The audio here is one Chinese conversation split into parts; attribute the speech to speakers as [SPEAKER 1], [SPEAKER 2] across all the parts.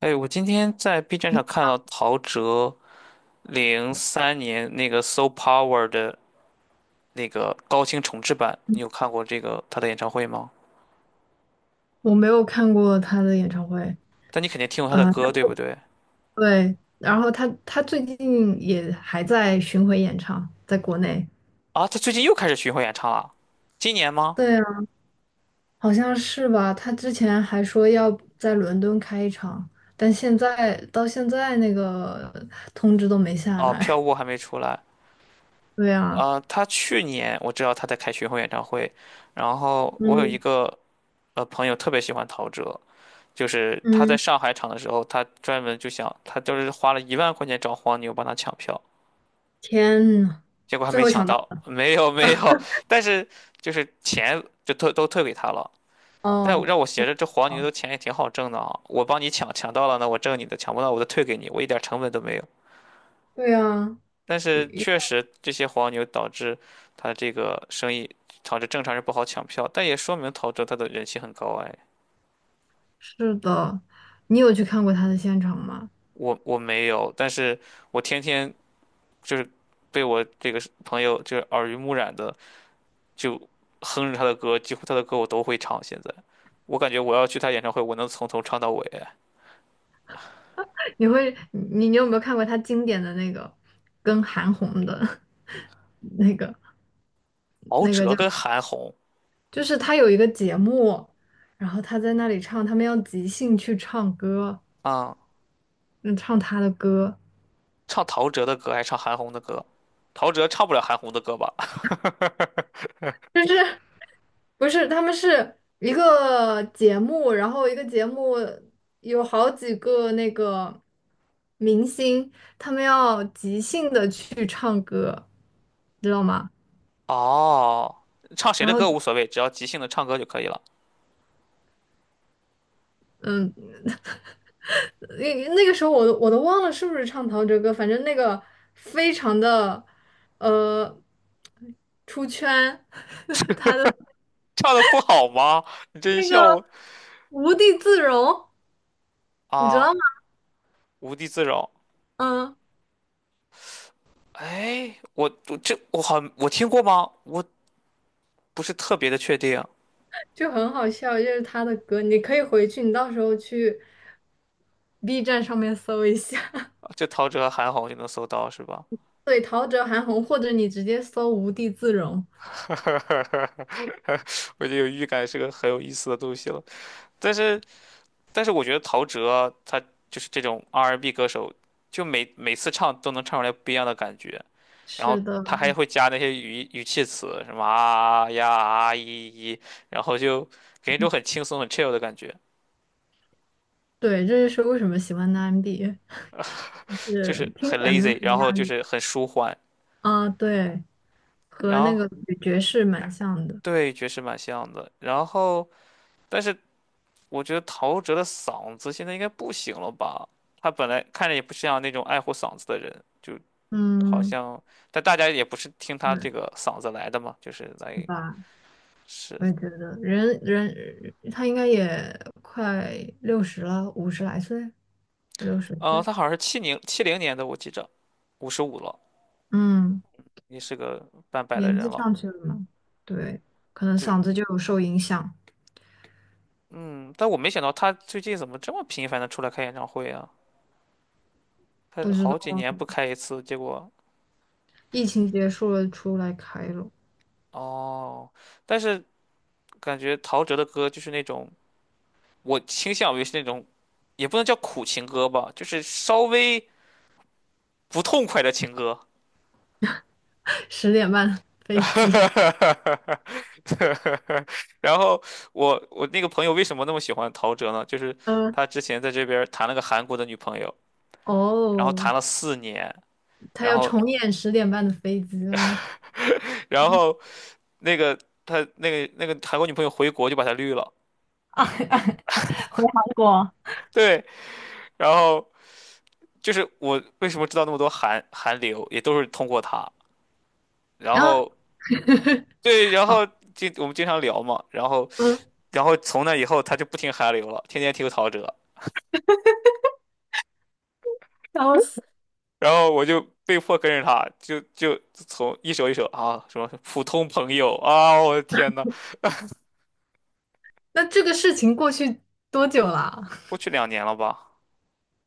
[SPEAKER 1] 哎，我今天在 B 站上看到陶喆03年那个《So Power》的那个高清重制版，你有看过这个他的演唱会吗？
[SPEAKER 2] 我没有看过他的演唱会。
[SPEAKER 1] 但你肯定听过他的
[SPEAKER 2] 呃，
[SPEAKER 1] 歌，对不对？
[SPEAKER 2] 对。然后他最近也还在巡回演唱，在国内。
[SPEAKER 1] 啊，他最近又开始巡回演唱了，今年吗？
[SPEAKER 2] 对啊，好像是吧？他之前还说要在伦敦开一场，但现在到现在那个通知都没
[SPEAKER 1] 哦，
[SPEAKER 2] 下
[SPEAKER 1] 《票
[SPEAKER 2] 来。
[SPEAKER 1] 务还没出来。
[SPEAKER 2] 对啊。
[SPEAKER 1] 他去年我知道他在开巡回演唱会，然后我有一
[SPEAKER 2] 嗯
[SPEAKER 1] 个朋友特别喜欢陶喆，就是他在
[SPEAKER 2] 嗯。
[SPEAKER 1] 上海场的时候，他专门就想，他就是花了1万块钱找黄牛帮他抢票。
[SPEAKER 2] 天呐。
[SPEAKER 1] 结果还
[SPEAKER 2] 最
[SPEAKER 1] 没
[SPEAKER 2] 后
[SPEAKER 1] 抢
[SPEAKER 2] 抢到
[SPEAKER 1] 到，没有没有，但是就是钱就退都退给他了。但
[SPEAKER 2] 哦。
[SPEAKER 1] 让我觉着这黄牛的钱也挺好挣的啊，我帮你抢，抢到了呢我挣你的，抢不到我就退给你，我一点成本都没有。
[SPEAKER 2] 对啊。
[SPEAKER 1] 但
[SPEAKER 2] 也
[SPEAKER 1] 是
[SPEAKER 2] 也
[SPEAKER 1] 确实这些黄牛导致他这个生意导致正常人不好抢票，但也说明陶喆他的人气很高哎。
[SPEAKER 2] 是的。你有去看过他的现场吗？
[SPEAKER 1] 我没有，但是我天天就是被我这个朋友就是耳濡目染的就哼着他的歌，几乎他的歌我都会唱。现在，我感觉我要去他演唱会，我能从头唱到尾。
[SPEAKER 2] 你会你你有没有看过他经典的那个跟韩红的 那个
[SPEAKER 1] 陶
[SPEAKER 2] 那个
[SPEAKER 1] 喆
[SPEAKER 2] 叫，
[SPEAKER 1] 跟韩红
[SPEAKER 2] 就是他有一个节目，然后他在那里唱，他们要即兴去唱歌。
[SPEAKER 1] 啊，
[SPEAKER 2] 嗯，唱他的歌。
[SPEAKER 1] 唱陶喆的歌还是唱韩红的歌？陶喆唱不了韩红的歌吧？
[SPEAKER 2] 就是不是他们是一个节目，然后一个节目有好几个那个明星，他们要即兴的去唱歌，知道吗？
[SPEAKER 1] 哦，唱谁
[SPEAKER 2] 然
[SPEAKER 1] 的
[SPEAKER 2] 后
[SPEAKER 1] 歌无所谓，只要即兴的唱歌就可以了。
[SPEAKER 2] 嗯，那个时候我都忘了是不是唱陶喆歌，反正那个非常的呃出圈，他的
[SPEAKER 1] 唱的不好吗？你这一
[SPEAKER 2] 那
[SPEAKER 1] 笑
[SPEAKER 2] 个
[SPEAKER 1] 我
[SPEAKER 2] 无地自容，你知
[SPEAKER 1] 啊，
[SPEAKER 2] 道吗？
[SPEAKER 1] 无地自容。
[SPEAKER 2] 嗯，
[SPEAKER 1] 哎，我这我好像我听过吗？我不是特别的确定，
[SPEAKER 2] 就很好笑，就是他的歌，你可以回去，你到时候去 B 站上面搜一下。
[SPEAKER 1] 就陶喆、韩红就能搜到是吧？
[SPEAKER 2] 对，陶喆、韩红，或者你直接搜无地自容。
[SPEAKER 1] 我就有预感是个很有意思的东西了。但是，但是我觉得陶喆他就是这种 R&B 歌手，就每次唱都能唱出来不一样的感觉，然后
[SPEAKER 2] 是的。
[SPEAKER 1] 他还会加那些语气词，什么啊呀啊一一，然后就给人一种很轻松、很 chill 的感觉，
[SPEAKER 2] 对，这就是为什么喜欢的 MB,就
[SPEAKER 1] 就是
[SPEAKER 2] 是听
[SPEAKER 1] 很
[SPEAKER 2] 起来没有
[SPEAKER 1] lazy，
[SPEAKER 2] 什么
[SPEAKER 1] 然
[SPEAKER 2] 压
[SPEAKER 1] 后就
[SPEAKER 2] 力
[SPEAKER 1] 是很舒缓，
[SPEAKER 2] 啊。对。
[SPEAKER 1] 然
[SPEAKER 2] 和那个
[SPEAKER 1] 后
[SPEAKER 2] 女爵士蛮像的。
[SPEAKER 1] 对爵士蛮像的，然后但是我觉得陶喆的嗓子现在应该不行了吧。他本来看着也不像那种爱护嗓子的人，就好
[SPEAKER 2] 嗯。
[SPEAKER 1] 像，但大家也不是听他这
[SPEAKER 2] 嗯，
[SPEAKER 1] 个嗓子来的嘛，就是
[SPEAKER 2] 是
[SPEAKER 1] 来
[SPEAKER 2] 吧？我
[SPEAKER 1] 是，
[SPEAKER 2] 也觉得，他应该也快六十了，五十来岁，五六十岁。
[SPEAKER 1] 他好像是七零年的，我记着，55了，
[SPEAKER 2] 嗯，
[SPEAKER 1] 也是个半百的
[SPEAKER 2] 年
[SPEAKER 1] 人
[SPEAKER 2] 纪
[SPEAKER 1] 了。
[SPEAKER 2] 上去了嘛。对，可能
[SPEAKER 1] 对，
[SPEAKER 2] 嗓子就有受影响。
[SPEAKER 1] 嗯，但我没想到他最近怎么这么频繁的出来开演唱会啊？他
[SPEAKER 2] 不知
[SPEAKER 1] 好几
[SPEAKER 2] 道。
[SPEAKER 1] 年不开一次，结果
[SPEAKER 2] 疫情结束了，出来开了。
[SPEAKER 1] 哦，但是感觉陶喆的歌就是那种，我倾向于是那种，也不能叫苦情歌吧，就是稍微不痛快的情歌。
[SPEAKER 2] 十点半的飞机
[SPEAKER 1] 然后我那个朋友为什么那么喜欢陶喆呢？就是
[SPEAKER 2] 嗯。
[SPEAKER 1] 他之前在这边儿谈了个韩国的女朋友，然后
[SPEAKER 2] 哦，
[SPEAKER 1] 谈了4年，
[SPEAKER 2] 他
[SPEAKER 1] 然
[SPEAKER 2] 要
[SPEAKER 1] 后
[SPEAKER 2] 重演十点半的飞机了。
[SPEAKER 1] 然后那个他那个韩国女朋友回国就把他绿了，
[SPEAKER 2] 回韩国。
[SPEAKER 1] 对，然后就是我为什么知道那么多韩流，也都是通过他，然
[SPEAKER 2] 然后，
[SPEAKER 1] 后 对，然后
[SPEAKER 2] 好，
[SPEAKER 1] 我们经常聊嘛，然后从那以后他就不听韩流了，天天听陶喆，然后我就被迫跟着他，就从一首一首啊，什么普通朋友啊，我的天呐，
[SPEAKER 2] 那这个事情过去多久了啊？
[SPEAKER 1] 过去2年了吧？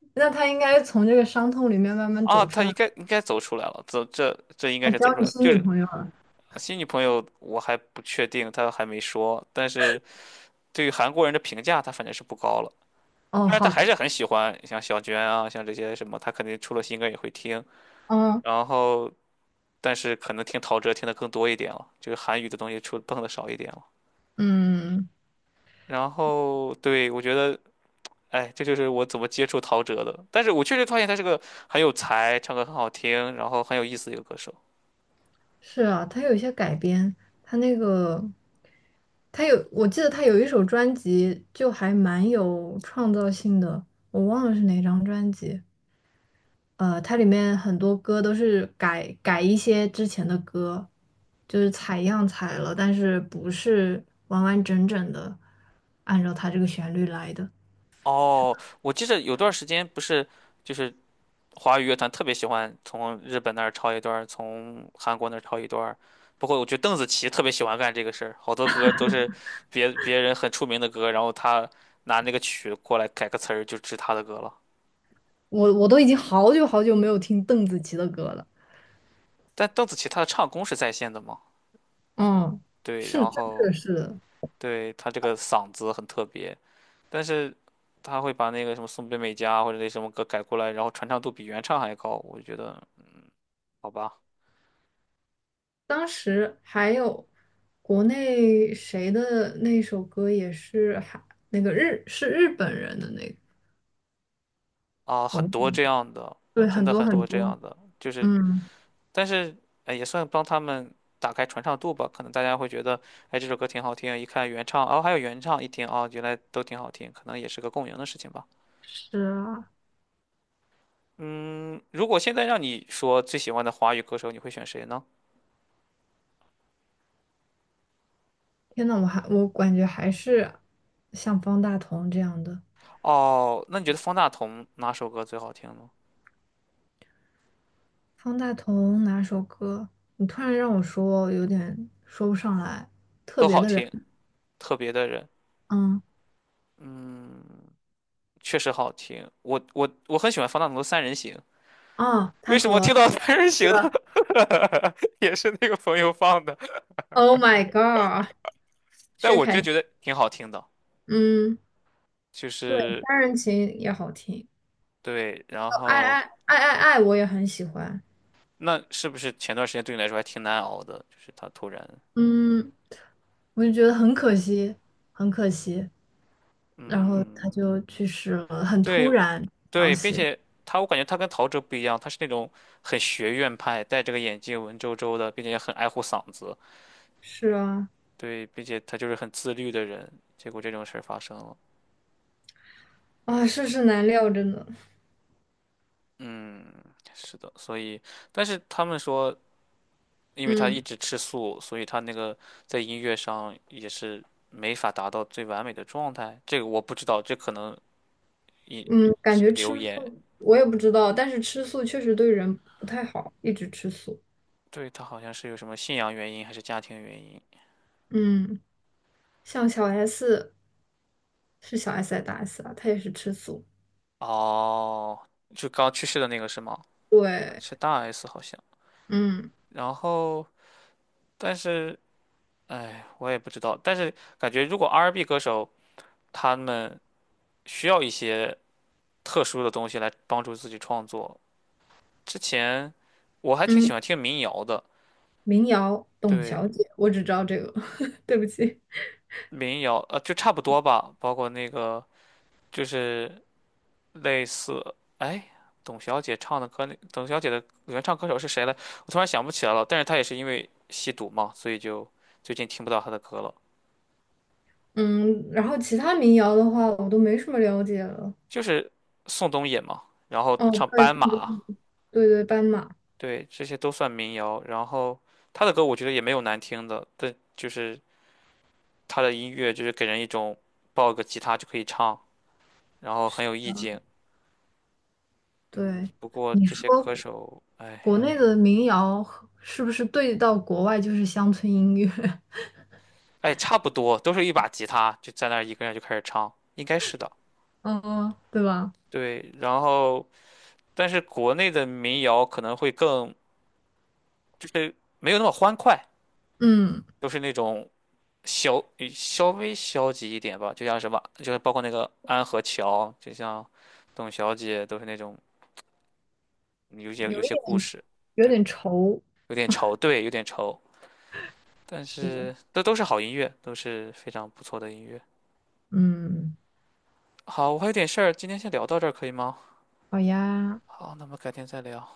[SPEAKER 2] 那他应该从这个伤痛里面慢慢
[SPEAKER 1] 啊，
[SPEAKER 2] 走出
[SPEAKER 1] 他
[SPEAKER 2] 来。
[SPEAKER 1] 应该走出来了，这应该
[SPEAKER 2] 啊，
[SPEAKER 1] 是
[SPEAKER 2] 交
[SPEAKER 1] 走出来
[SPEAKER 2] 你
[SPEAKER 1] 了
[SPEAKER 2] 新
[SPEAKER 1] 就
[SPEAKER 2] 女
[SPEAKER 1] 是
[SPEAKER 2] 朋友了？
[SPEAKER 1] 新女朋友我还不确定，他还没说，但是对于韩国人的评价，他反正是不高了。
[SPEAKER 2] 哦，
[SPEAKER 1] 但是他
[SPEAKER 2] 好
[SPEAKER 1] 还
[SPEAKER 2] 的。
[SPEAKER 1] 是很喜欢像小娟啊，像这些什么，他肯定出了新歌也会听，
[SPEAKER 2] 嗯
[SPEAKER 1] 然后但是可能听陶喆听的更多一点了，就是韩语的东西碰的少一点了。
[SPEAKER 2] 嗯。
[SPEAKER 1] 然后对，我觉得。哎，这就是我怎么接触陶喆的。但是我确实发现他是个很有才，唱歌很好听，然后很有意思的一个歌手。
[SPEAKER 2] 是啊，他有一些改编，他那个他有，我记得他有一首专辑就还蛮有创造性的，我忘了是哪张专辑。它里面很多歌都是改一些之前的歌，就是采样采了，但是不是完完整整的按照它这个旋律来的。
[SPEAKER 1] 哦，我记得有段时间不是，就是华语乐坛特别喜欢从日本那儿抄一段儿，从韩国那儿抄一段儿。我觉得邓紫棋特别喜欢干这个事儿，好多歌都是别人很出名的歌，然后她拿那个曲过来改个词儿，就是她的歌了。
[SPEAKER 2] 我都已经好久好久没有听邓紫棋的歌了。
[SPEAKER 1] 但邓紫棋她的唱功是在线的嘛？
[SPEAKER 2] 嗯，
[SPEAKER 1] 对，
[SPEAKER 2] 是
[SPEAKER 1] 然
[SPEAKER 2] 真
[SPEAKER 1] 后
[SPEAKER 2] 的是的。
[SPEAKER 1] 对她这个嗓子很特别。但是他会把那个什么松本美嘉或者那什么歌改过来，然后传唱度比原唱还高，我就觉得好吧，
[SPEAKER 2] 当时还有国内谁的那首歌也是还那个日本人的那个。
[SPEAKER 1] 啊，
[SPEAKER 2] 哦，
[SPEAKER 1] 很多这样的，
[SPEAKER 2] 对，
[SPEAKER 1] 真
[SPEAKER 2] 很
[SPEAKER 1] 的
[SPEAKER 2] 多
[SPEAKER 1] 很
[SPEAKER 2] 很
[SPEAKER 1] 多这
[SPEAKER 2] 多。
[SPEAKER 1] 样的，就是
[SPEAKER 2] 嗯，
[SPEAKER 1] 但是哎也算帮他们打开传唱度吧，可能大家会觉得哎这首歌挺好听，一看原唱，哦还有原唱，一听哦原来都挺好听，可能也是个共赢的事情吧。
[SPEAKER 2] 是啊。
[SPEAKER 1] 嗯，如果现在让你说最喜欢的华语歌手，你会选谁呢？
[SPEAKER 2] 天呐，我还我感觉还是像方大同这样的。
[SPEAKER 1] 哦，那你觉得方大同哪首歌最好听呢？
[SPEAKER 2] 方大同哪首歌？你突然让我说，有点说不上来。特
[SPEAKER 1] 都
[SPEAKER 2] 别
[SPEAKER 1] 好
[SPEAKER 2] 的人。
[SPEAKER 1] 听，特别的人。
[SPEAKER 2] 嗯
[SPEAKER 1] 嗯。确实好听。我很喜欢方大同的《三人行》，
[SPEAKER 2] 啊，他
[SPEAKER 1] 为什么听
[SPEAKER 2] 和
[SPEAKER 1] 到《三人行》的 也是那个朋友放的？
[SPEAKER 2] Oh my God。
[SPEAKER 1] 但
[SPEAKER 2] 薛
[SPEAKER 1] 我
[SPEAKER 2] 凯
[SPEAKER 1] 就
[SPEAKER 2] 琪
[SPEAKER 1] 觉得挺好听的，
[SPEAKER 2] 嗯。
[SPEAKER 1] 就
[SPEAKER 2] 对，
[SPEAKER 1] 是
[SPEAKER 2] 《三人情》也好听。
[SPEAKER 1] 对。然
[SPEAKER 2] 哦
[SPEAKER 1] 后
[SPEAKER 2] 爱爱爱》我也很喜欢。
[SPEAKER 1] 那是不是前段时间对你来说还挺难熬的？就是他突然，
[SPEAKER 2] 嗯，我就觉得很可惜，很可惜。然后他
[SPEAKER 1] 嗯，
[SPEAKER 2] 就去世了，很突
[SPEAKER 1] 对
[SPEAKER 2] 然消
[SPEAKER 1] 对，并
[SPEAKER 2] 息。
[SPEAKER 1] 且他我感觉他跟陶喆不一样，他是那种很学院派，戴着个眼镜文绉绉的，并且也很爱护嗓子，
[SPEAKER 2] 是啊。
[SPEAKER 1] 对，并且他就是很自律的人。结果这种事儿发生了，
[SPEAKER 2] 啊，世事难料，真的。
[SPEAKER 1] 嗯，是的，所以。但是他们说因为他一
[SPEAKER 2] 嗯
[SPEAKER 1] 直吃素，所以他那个在音乐上也是没法达到最完美的状态。这个我不知道，这可能一
[SPEAKER 2] 嗯，感
[SPEAKER 1] 是
[SPEAKER 2] 觉
[SPEAKER 1] 流
[SPEAKER 2] 吃
[SPEAKER 1] 言。
[SPEAKER 2] 素，我也不知道，但是吃素确实对人不太好，一直吃素。
[SPEAKER 1] 对，他好像是有什么信仰原因还是家庭原因。
[SPEAKER 2] 嗯，像小 S 是小 S 还是大 S 啊？她也是吃素。
[SPEAKER 1] 哦，就刚去世的那个是吗？
[SPEAKER 2] 对。
[SPEAKER 1] 是大 S 好像。
[SPEAKER 2] 嗯
[SPEAKER 1] 然后，但是，哎，我也不知道。但是感觉如果 R&B 歌手他们需要一些特殊的东西来帮助自己创作，之前我还挺喜
[SPEAKER 2] 嗯。
[SPEAKER 1] 欢听民谣的。
[SPEAKER 2] 民谣《董
[SPEAKER 1] 对，
[SPEAKER 2] 小姐》，我只知道这个。对不起。
[SPEAKER 1] 民谣，就差不多吧，包括那个就是类似，哎，董小姐唱的歌，那董小姐的原唱歌手是谁来？我突然想不起来了，但是她也是因为吸毒嘛，所以就最近听不到她的歌了。
[SPEAKER 2] 嗯，然后其他民谣的话，我都没什么了解了。
[SPEAKER 1] 就是宋冬野嘛，然后
[SPEAKER 2] 哦，
[SPEAKER 1] 唱
[SPEAKER 2] 对，
[SPEAKER 1] 《斑马》，
[SPEAKER 2] 对对，斑马。
[SPEAKER 1] 对，这些都算民谣。然后她的歌我觉得也没有难听的，但就是她的音乐就是给人一种抱个吉他就可以唱，然后很有意境。嗯，
[SPEAKER 2] 对。
[SPEAKER 1] 不过
[SPEAKER 2] 你
[SPEAKER 1] 这
[SPEAKER 2] 说
[SPEAKER 1] 些歌
[SPEAKER 2] 国
[SPEAKER 1] 手，
[SPEAKER 2] 国
[SPEAKER 1] 哎。
[SPEAKER 2] 内的民谣和是不是对到国外就是乡村音乐？
[SPEAKER 1] 哎，差不多都是一把吉他，就在那儿一个人就开始唱，应该是的。
[SPEAKER 2] 嗯，对吧？
[SPEAKER 1] 对，然后但是国内的民谣可能会更就是没有那么欢快，
[SPEAKER 2] 嗯，
[SPEAKER 1] 都是那种稍微消极一点吧，就像什么，就是包括那个安河桥，就像董小姐，都是那种有些有
[SPEAKER 2] 有一
[SPEAKER 1] 些故
[SPEAKER 2] 点，
[SPEAKER 1] 事，
[SPEAKER 2] 有
[SPEAKER 1] 对，
[SPEAKER 2] 点愁。
[SPEAKER 1] 有点愁，对，有点愁，但
[SPEAKER 2] 是的。
[SPEAKER 1] 是都是好音乐，都是非常不错的音乐。
[SPEAKER 2] 嗯。
[SPEAKER 1] 好，我还有点事儿，今天先聊到这儿可以吗？
[SPEAKER 2] 好呀。
[SPEAKER 1] 好，那么改天再聊。